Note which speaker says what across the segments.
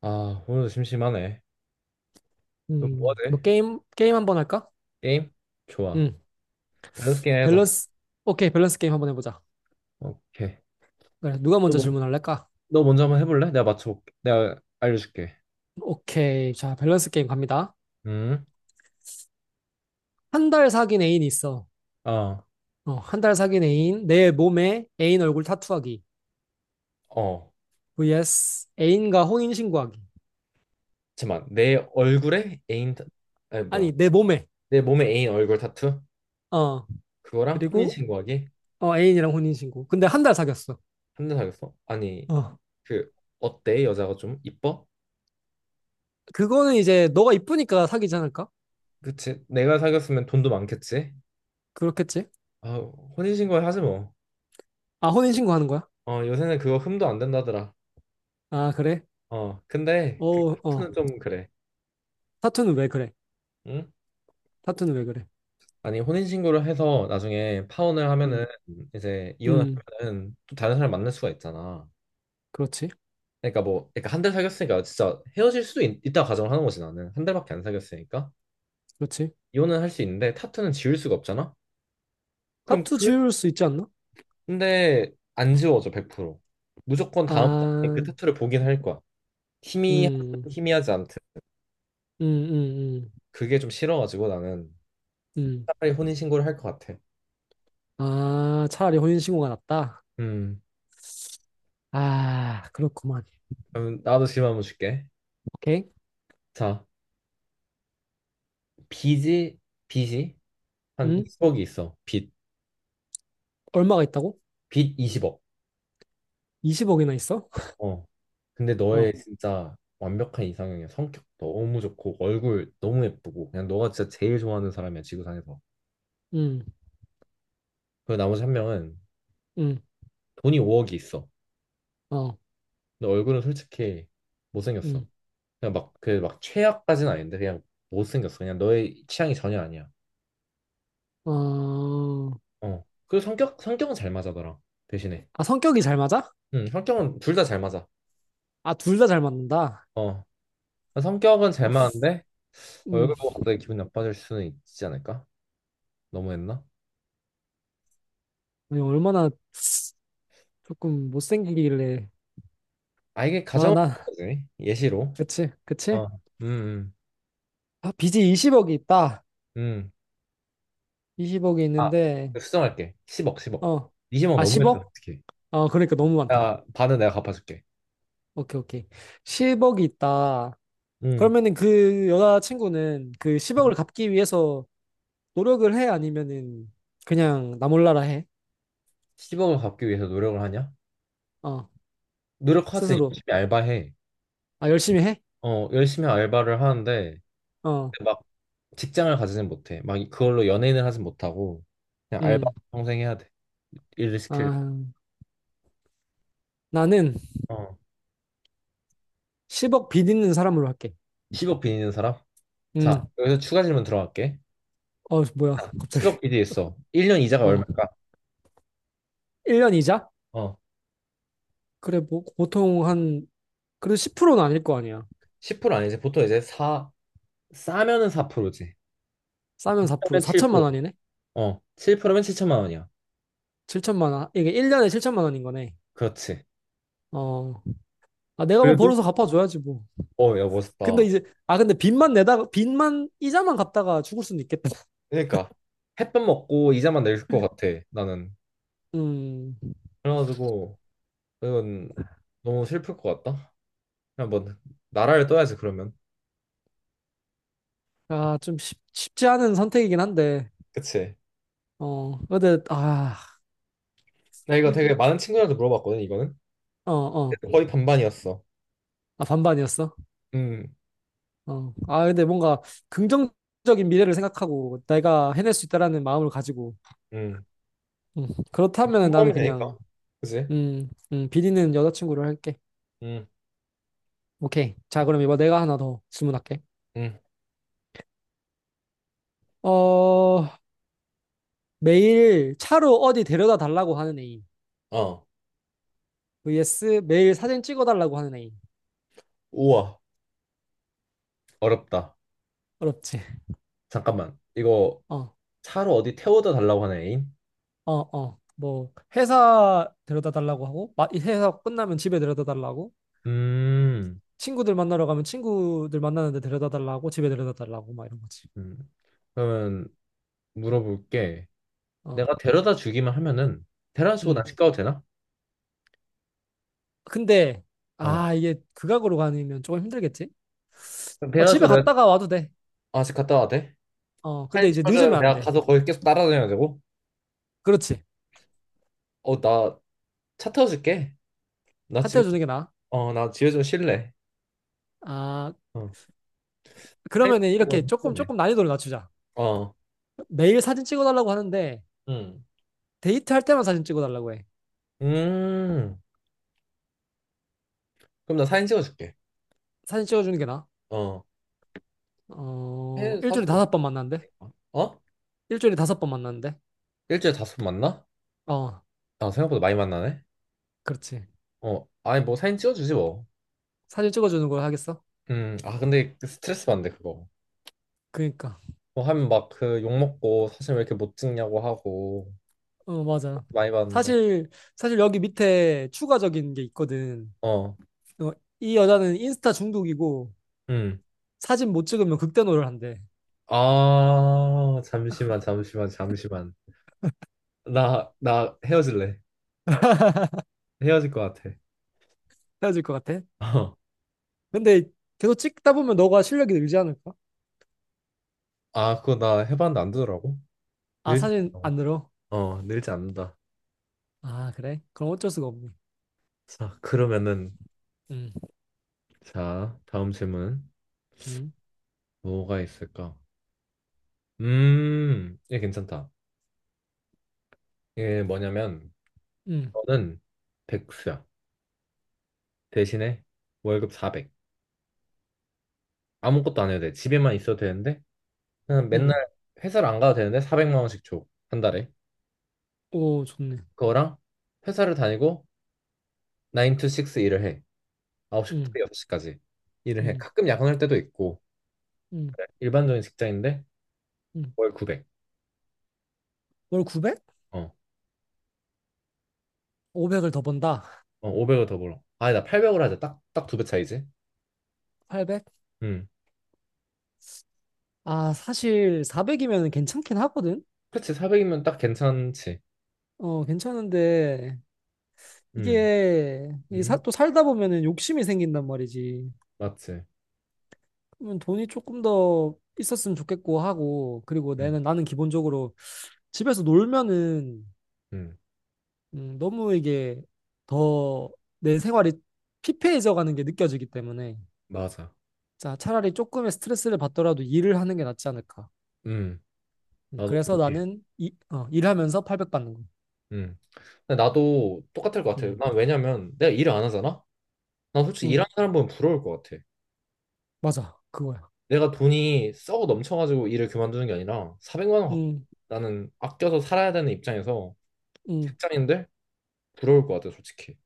Speaker 1: 아, 오늘도 심심하네. 그럼 뭐
Speaker 2: 뭐
Speaker 1: 하지?
Speaker 2: 게임 한번 할까?
Speaker 1: 게임? 좋아.
Speaker 2: 음,
Speaker 1: 밸런스 게임 하자.
Speaker 2: 밸런스. 오케이, 밸런스 게임 한번 해보자.
Speaker 1: 오케이.
Speaker 2: 그래, 누가
Speaker 1: 너,
Speaker 2: 먼저
Speaker 1: 뭐-
Speaker 2: 질문할래까?
Speaker 1: 너 먼저 한번 해볼래? 내가 맞춰볼게. 내가 알려줄게.
Speaker 2: 오케이, 자, 밸런스 게임 갑니다.
Speaker 1: 음,
Speaker 2: 한 달 사귄 애인이 있어.
Speaker 1: 아,
Speaker 2: 한 달 사귄 애인, 내 몸에 애인 얼굴 타투하기.
Speaker 1: 어.
Speaker 2: vs 애인과 혼인 신고하기.
Speaker 1: 잠깐만. 내 얼굴에 애인, 아니, 뭐야.
Speaker 2: 아니, 내 몸에.
Speaker 1: 내 몸에 애인 얼굴 타투?
Speaker 2: 어,
Speaker 1: 그거랑
Speaker 2: 그리고
Speaker 1: 혼인신고하기?
Speaker 2: 애인이랑 혼인 신고. 근데 한 달 사귀었어.
Speaker 1: 한 대 사귀었어? 아니,
Speaker 2: 어,
Speaker 1: 그, 어때? 여자가 좀 이뻐?
Speaker 2: 그거는 이제 너가 이쁘니까 사귀지 않을까?
Speaker 1: 그치? 내가 사귀었으면 돈도 많겠지?
Speaker 2: 그렇겠지?
Speaker 1: 아, 혼인신고 하지 뭐.
Speaker 2: 아, 혼인 신고하는 거야?
Speaker 1: 어, 요새는 그거 흠도 안 된다더라.
Speaker 2: 아, 그래?
Speaker 1: 어, 근데
Speaker 2: 어,
Speaker 1: 그
Speaker 2: 어.
Speaker 1: 타투는 좀 그래.
Speaker 2: 타투는 왜 그래?
Speaker 1: 응?
Speaker 2: 타투는 왜 그래?
Speaker 1: 아니 혼인신고를 해서 나중에 파혼을 하면은
Speaker 2: 음.
Speaker 1: 이제 이혼을
Speaker 2: 음,
Speaker 1: 하면은 또 다른 사람 만날 수가 있잖아.
Speaker 2: 그렇지,
Speaker 1: 그러니까 한 달 사귀었으니까 진짜 헤어질 수도 있, 다 가정을 하는 거지 나는 한 달밖에 안 사귀었으니까
Speaker 2: 그렇지.
Speaker 1: 이혼은 할 수 있는데 타투는 지울 수가 없잖아. 그럼
Speaker 2: 타투 지울 수 있지 않나?
Speaker 1: 근데 안 지워져 100%. 무조건 다음 달에 그
Speaker 2: 아,
Speaker 1: 타투를 보긴 할 거야. 희미
Speaker 2: 음, 음,
Speaker 1: 희미하지 않든
Speaker 2: 음, 음,
Speaker 1: 그게 좀 싫어가지고 나는
Speaker 2: 음.
Speaker 1: 차라리 혼인신고를 할 것 같아.
Speaker 2: 아, 차라리 혼인신고가 낫다.
Speaker 1: 음
Speaker 2: 아, 그렇구만.
Speaker 1: 그럼 나도 질문 한번 줄게.
Speaker 2: 오케이.
Speaker 1: 자 비지 비지 한
Speaker 2: 음,
Speaker 1: 20억이 있어. 빚.
Speaker 2: 얼마가 있다고?
Speaker 1: 빚 20억.
Speaker 2: 20억이나 있어?
Speaker 1: 어. 근데 너의
Speaker 2: 어,
Speaker 1: 진짜 완벽한 이상형이야. 성격 너무 좋고, 얼굴 너무 예쁘고, 그냥 너가 진짜 제일 좋아하는 사람이야, 지구상에서.
Speaker 2: 음,
Speaker 1: 그 나머지 한 명은
Speaker 2: 음,
Speaker 1: 돈이 5억이 있어.
Speaker 2: 어,
Speaker 1: 근데 얼굴은 솔직히 못생겼어.
Speaker 2: 음,
Speaker 1: 그냥 막, 그 막 최악까지는 아닌데, 그냥 못생겼어. 그냥 너의 취향이 전혀 아니야.
Speaker 2: 어.
Speaker 1: 어. 그리고 성격, 성격은 잘 맞아더라. 대신에.
Speaker 2: 아, 성격이 잘 맞아?
Speaker 1: 응, 성격은 둘 다 잘 맞아.
Speaker 2: 아, 둘 다 잘 맞는다.
Speaker 1: 어. 성격은 잘
Speaker 2: 어,
Speaker 1: 맞는데,
Speaker 2: 음,
Speaker 1: 얼굴 보고 갑자기 기분 나빠질 수는 있지 않을까? 너무했나?
Speaker 2: 아니, 얼마나 조금 못생기길래.
Speaker 1: 아 이게
Speaker 2: 아,
Speaker 1: 가정을 보는
Speaker 2: 나,
Speaker 1: 거지 예시로
Speaker 2: 그치, 그치?
Speaker 1: 어 음 음
Speaker 2: 아, 빚이 20억이 있다.
Speaker 1: 음.
Speaker 2: 20억이
Speaker 1: 아
Speaker 2: 있는데,
Speaker 1: 수정할게 10억 10억
Speaker 2: 어.
Speaker 1: 20억
Speaker 2: 아,
Speaker 1: 넘으면
Speaker 2: 10억?
Speaker 1: 어떡해
Speaker 2: 어, 그러니까 너무 많다.
Speaker 1: 야 반은 내가 갚아줄게
Speaker 2: 오케이, 오케이. 10억이 있다.
Speaker 1: 음
Speaker 2: 그러면은 그 여자친구는 그 10억을 갚기 위해서 노력을 해? 아니면은 그냥 나 몰라라 해?
Speaker 1: 10억을 갚기 위해서 노력을 하냐
Speaker 2: 어,
Speaker 1: 노력하지
Speaker 2: 스스로.
Speaker 1: 열심히 알바해
Speaker 2: 아, 열심히 해?
Speaker 1: 어 열심히 알바를 하는데
Speaker 2: 어,
Speaker 1: 막 직장을 가지진 못해 막 그걸로 연예인을 하진 못하고 그냥 알바
Speaker 2: 음.
Speaker 1: 평생 해야 돼 일을 시키려면
Speaker 2: 아, 나는
Speaker 1: 어
Speaker 2: 10억 빚 있는 사람으로 할게.
Speaker 1: 10억 빚 있는 사람 자
Speaker 2: 음.
Speaker 1: 여기서 추가 질문 들어갈게
Speaker 2: 어, 뭐야,
Speaker 1: 자,
Speaker 2: 갑자기.
Speaker 1: 10억 빚이 있어 1년 이자가
Speaker 2: 어.
Speaker 1: 얼마일까
Speaker 2: 1년 이자?
Speaker 1: 어
Speaker 2: 그래, 뭐, 보통 한, 그래도 10%는 아닐 거 아니야.
Speaker 1: 10% 아니지. 보통 이제 사 싸면은 4%지.
Speaker 2: 싸면 4%,
Speaker 1: 싸면
Speaker 2: 4천만
Speaker 1: 7%.
Speaker 2: 원이네?
Speaker 1: 어, 7%면 7천만 원이야.
Speaker 2: 7천만 원. 이게 1년에 7천만 원인 거네.
Speaker 1: 그렇지.
Speaker 2: 어, 아, 내가 뭐
Speaker 1: 그래도?
Speaker 2: 벌어서 갚아줘야지, 뭐.
Speaker 1: 어, 야,
Speaker 2: 근데
Speaker 1: 멋있다.
Speaker 2: 이제, 아, 근데 빚만 내다가, 이자만 갚다가 죽을 수는 있겠다.
Speaker 1: 그러니까 햇밥 먹고 이자만 낼 것 같아, 나는.
Speaker 2: 음,
Speaker 1: 그래가지고 이건 너무 슬플 것 같다. 그냥 뭐 나라를 떠야지, 그러면.
Speaker 2: 아, 좀 쉽지 않은 선택이긴 한데,
Speaker 1: 그치.
Speaker 2: 어, 근데, 아,
Speaker 1: 나 이거
Speaker 2: 이-
Speaker 1: 되게 많은 친구들한테 물어봤거든, 이거는.
Speaker 2: 어, 어,
Speaker 1: 거의 반반이었어.
Speaker 2: 아, 반반이었어.
Speaker 1: 음,
Speaker 2: 어, 아, 근데 뭔가 긍정적인 미래를 생각하고 내가 해낼 수 있다라는 마음을 가지고,
Speaker 1: 음.
Speaker 2: 음, 그렇다면 나는
Speaker 1: 공부하면 되니까.
Speaker 2: 그냥,
Speaker 1: 그지?
Speaker 2: 빚 있는 여자친구를 할게.
Speaker 1: 음,
Speaker 2: 오케이. 자, 그럼 이번 내가 하나 더 질문할게.
Speaker 1: 음.
Speaker 2: 어, 매일 차로 어디 데려다 달라고 하는 애인.
Speaker 1: 어.
Speaker 2: vs 매일 사진 찍어달라고 하는 애인.
Speaker 1: 우와, 어렵다.
Speaker 2: 어렵지.
Speaker 1: 잠깐만. 이거
Speaker 2: 어,
Speaker 1: 차로 어디 태워다 달라고 하는 애인?
Speaker 2: 어, 어. 뭐 회사 데려다 달라고 하고 이 회사 끝나면 집에 데려다 달라고
Speaker 1: 음,
Speaker 2: 친구들 만나러 가면 친구들 만나는데 데려다 달라고 집에 데려다 달라고 막 이런 거지.
Speaker 1: 음. 그러면 물어볼게.
Speaker 2: 어,
Speaker 1: 내가 데려다 주기만 하면은 데려다 주고 나
Speaker 2: 음.
Speaker 1: 집 가도 되나?
Speaker 2: 근데
Speaker 1: 어.
Speaker 2: 아 이게 극악으로 가면 조금 힘들겠지?
Speaker 1: 그럼
Speaker 2: 어,
Speaker 1: 데려다
Speaker 2: 집에
Speaker 1: 주고 내가
Speaker 2: 갔다가 와도 돼.
Speaker 1: 아, 집 갔다 와도 돼?
Speaker 2: 어, 근데
Speaker 1: 사진
Speaker 2: 이제
Speaker 1: 찍어줘야
Speaker 2: 늦으면 안
Speaker 1: 내가
Speaker 2: 돼.
Speaker 1: 가서 거기 계속 따라다녀야 되고?
Speaker 2: 그렇지.
Speaker 1: 어, 나 차 태워줄게. 나 집에
Speaker 2: 사퇴해 주는 게 나아.
Speaker 1: 나 집에 좀 쉴래.
Speaker 2: 아,
Speaker 1: 어. 사진
Speaker 2: 그러면은
Speaker 1: 찍어줘야
Speaker 2: 이렇게 조금
Speaker 1: 네
Speaker 2: 조금 난이도를 낮추자.
Speaker 1: 어.
Speaker 2: 매일 사진 찍어달라고 하는데
Speaker 1: 음.
Speaker 2: 데이트할 때만 사진 찍어달라고 해.
Speaker 1: 음. 그럼 나 사진 찍어줄게.
Speaker 2: 사진 찍어주는 게 나아.
Speaker 1: 어.
Speaker 2: 어,
Speaker 1: 해 사서
Speaker 2: 일주일에 다섯 번 만난대?
Speaker 1: 어?
Speaker 2: 일주일에 다섯 번 만난대?
Speaker 1: 일주일에 다섯 번 만나?
Speaker 2: 어,
Speaker 1: 아, 생각보다 많이 만나네.
Speaker 2: 그렇지.
Speaker 1: 어, 아니 뭐 사진 찍어주지 뭐.
Speaker 2: 사진 찍어주는 걸 하겠어?
Speaker 1: 아 근데 그 스트레스 받는데 그거.
Speaker 2: 그니까.
Speaker 1: 뭐 하면 막 그 욕 먹고 사진 왜 이렇게 못 찍냐고 하고
Speaker 2: 어, 맞아.
Speaker 1: 많이 받는데.
Speaker 2: 사실, 사실 여기 밑에 추가적인 게 있거든.
Speaker 1: 어,
Speaker 2: 어, 이 여자는 인스타 중독이고
Speaker 1: 음.
Speaker 2: 사진 못 찍으면 극대노를 한대.
Speaker 1: 아 잠시만 잠시만 잠시만. 나 헤어질래. 헤어질 것 같아.
Speaker 2: 헤어질 것 같아?
Speaker 1: 어.
Speaker 2: 근데 계속 찍다 보면 너가 실력이 늘지 않을까?
Speaker 1: 아 그거 나 해봤는데 안 되더라고.
Speaker 2: 아,
Speaker 1: 늘지
Speaker 2: 사진
Speaker 1: 않더라고.
Speaker 2: 안 늘어?
Speaker 1: 어, 늘지 않는다.
Speaker 2: 아, 그래? 그럼 어쩔 수가 없네.
Speaker 1: 자 그러면은
Speaker 2: 응,
Speaker 1: 자 다음 질문
Speaker 2: 응,
Speaker 1: 뭐가 있을까? 얘 괜찮다. 이게 뭐냐면
Speaker 2: 응,
Speaker 1: 저는 백수야. 대신에 월급 400. 아무것도 안 해도 돼. 집에만 있어도 되는데 그냥 맨날
Speaker 2: 응.
Speaker 1: 회사를 안 가도 되는데 400만 원씩 줘. 한 달에.
Speaker 2: 오, 좋네.
Speaker 1: 그거랑 회사를 다니고 9 to 6 일을 해. 9시부터
Speaker 2: 응,
Speaker 1: 6시까지 일을 해.
Speaker 2: 응,
Speaker 1: 가끔 야근할 때도 있고
Speaker 2: 응,
Speaker 1: 일반적인 직장인데
Speaker 2: 응.
Speaker 1: 월 900.
Speaker 2: 월 900?
Speaker 1: 어.
Speaker 2: 500을 더 번다.
Speaker 1: 어 500을 더 벌어. 아, 나 800을 하자. 딱 딱 두 배 차이지.
Speaker 2: 800?
Speaker 1: 음.
Speaker 2: 아, 사실 400이면 괜찮긴 하거든?
Speaker 1: 그렇지. 400이면 딱 괜찮지.
Speaker 2: 어, 괜찮은데,
Speaker 1: 음.
Speaker 2: 이게,
Speaker 1: 음.
Speaker 2: 또 살다 보면은 욕심이 생긴단 말이지.
Speaker 1: 맞지.
Speaker 2: 그러면 돈이 조금 더 있었으면 좋겠고 하고, 그리고
Speaker 1: 음.
Speaker 2: 나는, 나는 기본적으로 집에서 놀면은,
Speaker 1: 음.
Speaker 2: 너무 이게 더 내 생활이 피폐해져 가는 게 느껴지기 때문에,
Speaker 1: 맞아.
Speaker 2: 자, 차라리 조금의 스트레스를 받더라도 일을 하는 게 낫지 않을까.
Speaker 1: 음. 나도
Speaker 2: 그래서
Speaker 1: 동의해.
Speaker 2: 나는 일하면서 800 받는 거.
Speaker 1: 음. 근데 나도 똑같을 것 같아.
Speaker 2: 음,
Speaker 1: 난 왜냐면 내가 일을 안 하잖아? 난 솔직히
Speaker 2: 음,
Speaker 1: 일하는 사람 보면 부러울 것 같아.
Speaker 2: 맞아. 그거야.
Speaker 1: 내가 돈이 썩어 넘쳐가지고 일을 그만두는 게 아니라 400만 원
Speaker 2: 응,
Speaker 1: 나는 아껴서 살아야 되는 입장에서
Speaker 2: 응,
Speaker 1: 직장인들 부러울 것 같아, 솔직히.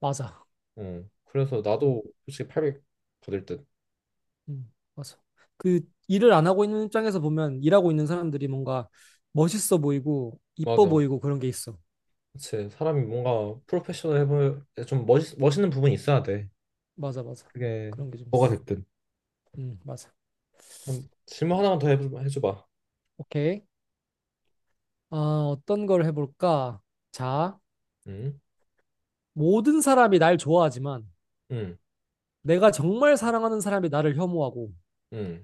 Speaker 2: 맞아.
Speaker 1: 어. 그래서
Speaker 2: 응,
Speaker 1: 나도 솔직히 800 받을 듯.
Speaker 2: 응, 맞아. 그 일을 안 하고 있는 입장에서 보면 일하고 있는 사람들이 뭔가 멋있어 보이고 이뻐
Speaker 1: 맞아.
Speaker 2: 보이고 그런 게 있어.
Speaker 1: 그치. 사람이 뭔가 프로페셔널 해볼 좀 멋있는 부분이 있어야 돼.
Speaker 2: 맞아, 맞아.
Speaker 1: 그게
Speaker 2: 그런 게 좀
Speaker 1: 뭐가
Speaker 2: 있어.
Speaker 1: 됐든.
Speaker 2: 응, 맞아.
Speaker 1: 그럼 질문 하나만 더 해줘봐.
Speaker 2: 오케이. 아, 어떤 걸 해볼까? 자,
Speaker 1: 응?
Speaker 2: 모든 사람이 날 좋아하지만
Speaker 1: 응?
Speaker 2: 내가 정말 사랑하는 사람이 나를 혐오하고
Speaker 1: 응?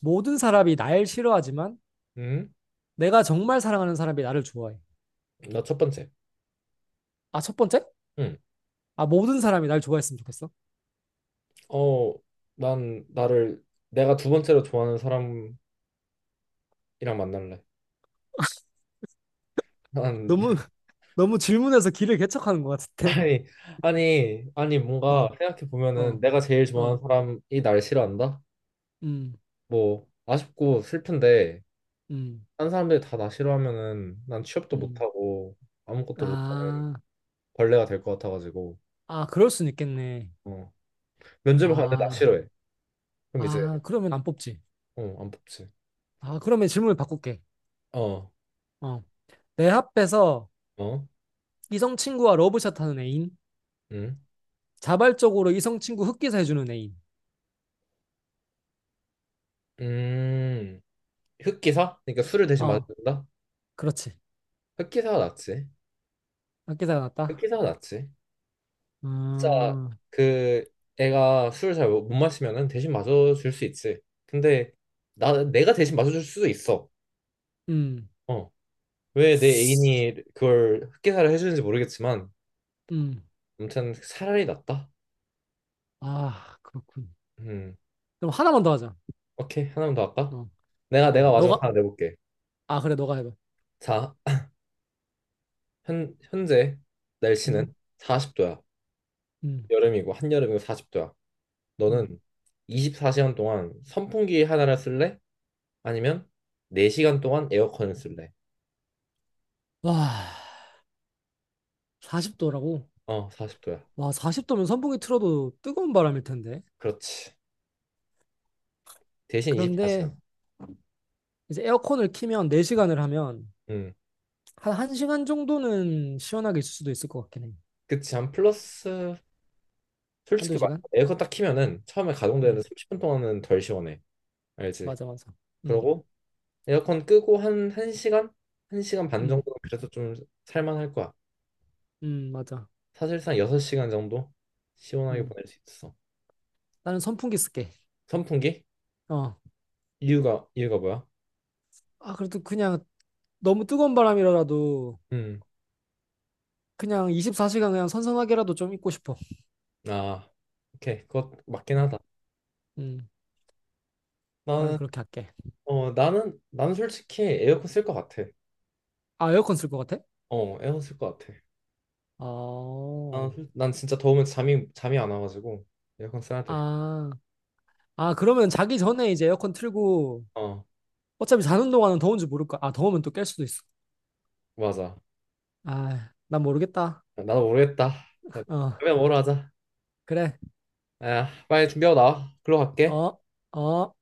Speaker 2: 모든 사람이 날 싫어하지만
Speaker 1: 응?
Speaker 2: 내가 정말 사랑하는 사람이 나를 좋아해.
Speaker 1: 나 첫 번째.
Speaker 2: 아, 첫 번째?
Speaker 1: 응.
Speaker 2: 아, 모든 사람이 날 좋아했으면 좋겠어.
Speaker 1: 어, 난 나를 내가 두 번째로 좋아하는 사람이랑 만날래. 난
Speaker 2: 너무 너무 질문해서 길을 개척하는 것 같은데.
Speaker 1: 아니 아니 아니 뭔가
Speaker 2: 어,
Speaker 1: 생각해 보면은
Speaker 2: 어,
Speaker 1: 내가 제일
Speaker 2: 어,
Speaker 1: 좋아하는 사람이 날 싫어한다?
Speaker 2: 음,
Speaker 1: 뭐 아쉽고 슬픈데
Speaker 2: 음,
Speaker 1: 딴 사람들이 다 나 싫어하면은 난 취업도
Speaker 2: 음.
Speaker 1: 못하고 아무것도 못하는
Speaker 2: 아,
Speaker 1: 벌레가 될 것 같아가지고
Speaker 2: 아, 그럴 순 있겠네.
Speaker 1: 어 면접을 가는데 나
Speaker 2: 아,
Speaker 1: 싫어해. 그럼 이제
Speaker 2: 아, 그러면 안 뽑지.
Speaker 1: 어안 뽑지.
Speaker 2: 아, 그러면 질문을 바꿀게.
Speaker 1: 어
Speaker 2: 어, 내 앞에서
Speaker 1: 어?
Speaker 2: 이성 친구와 러브샷 하는 애인,
Speaker 1: 응?
Speaker 2: 자발적으로 이성 친구 흑기사 해주는 애인.
Speaker 1: 음? 흑기사? 그러니까 술을 대신
Speaker 2: 어,
Speaker 1: 마신다?
Speaker 2: 그렇지.
Speaker 1: 흑기사가 낫지.
Speaker 2: 흑기사가 낫다.
Speaker 1: 기사가 낫지. 진짜
Speaker 2: 음,
Speaker 1: 그 애가 술을 잘 못 마시면은 대신 마셔줄 수 있지. 근데 나 내가 대신 마셔줄 수도 있어.
Speaker 2: 음,
Speaker 1: 어. 왜 내 애인이 그걸 흑기사를 해주는지 모르겠지만
Speaker 2: 음.
Speaker 1: 아무튼 차라리 낫다.
Speaker 2: 아, 그렇군.
Speaker 1: 음.
Speaker 2: 그럼 하나만 더 하자.
Speaker 1: 오케이 하나만 더 할까?
Speaker 2: 어,
Speaker 1: 내가
Speaker 2: 어,
Speaker 1: 마지막
Speaker 2: 너가,
Speaker 1: 하나 내볼게.
Speaker 2: 아, 그래, 너가 해봐.
Speaker 1: 자, 현 현재 날씨는
Speaker 2: 음,
Speaker 1: 40도야.
Speaker 2: 음.
Speaker 1: 여름이고 한여름이고 40도야.
Speaker 2: 음.
Speaker 1: 너는 24시간 동안 선풍기 하나를 쓸래? 아니면 4시간 동안 에어컨을 쓸래?
Speaker 2: 와, 40도라고?
Speaker 1: 어, 40도야.
Speaker 2: 와, 40도면 선풍기 틀어도 뜨거운 바람일 텐데.
Speaker 1: 그렇지. 대신 24시간.
Speaker 2: 그런데 이제 에어컨을 키면 4시간을 하면
Speaker 1: 음.
Speaker 2: 한 1시간 정도는 시원하게 있을 수도 있을 것 같긴 해.
Speaker 1: 그치. 한 플러스,
Speaker 2: 한두
Speaker 1: 솔직히 말해.
Speaker 2: 시간?
Speaker 1: 에어컨 딱 키면은 처음에 가동되는
Speaker 2: 음,
Speaker 1: 30분 동안은 덜 시원해. 알지?
Speaker 2: 맞아, 맞아. 음,
Speaker 1: 그러고 에어컨 끄고 한 1시간? 1시간 반
Speaker 2: 음,
Speaker 1: 정도는 그래도 좀 살만할 거야.
Speaker 2: 맞아.
Speaker 1: 사실상 6시간 정도 시원하게
Speaker 2: 음.
Speaker 1: 보낼 수 있어.
Speaker 2: 나는 선풍기 쓸게.
Speaker 1: 선풍기?
Speaker 2: 어.
Speaker 1: 이유가 뭐야?
Speaker 2: 아, 그래도 그냥 너무 뜨거운 바람이라도
Speaker 1: 음.
Speaker 2: 그냥 24시간 그냥 선선하게라도 좀 있고 싶어.
Speaker 1: 아, 오케이. 그거 맞긴
Speaker 2: 어,
Speaker 1: 하다.
Speaker 2: 음, 나는
Speaker 1: 나는,
Speaker 2: 그렇게 할게.
Speaker 1: 나는 솔직히 에어컨 쓸 것 같아.
Speaker 2: 아, 에어컨 쓸 것 같아?
Speaker 1: 어, 에어컨 쓸 것 같아. 아,
Speaker 2: 어,
Speaker 1: 난 진짜 더우면 잠이 안 와가지고 에어컨 써야 돼.
Speaker 2: 아, 아, 그러면 자기 전에 이제 에어컨 틀고
Speaker 1: 어,
Speaker 2: 어차피 자는 동안은 더운지 모를 거야. 아, 더우면 또 깰 수도 있어.
Speaker 1: 맞아.
Speaker 2: 아, 난 모르겠다.
Speaker 1: 나도 모르겠다.
Speaker 2: 어,
Speaker 1: 그러면 뭐로 하자.
Speaker 2: 그래.
Speaker 1: 야 빨리 준비하고 나와. 글로 갈게.
Speaker 2: 어, 어.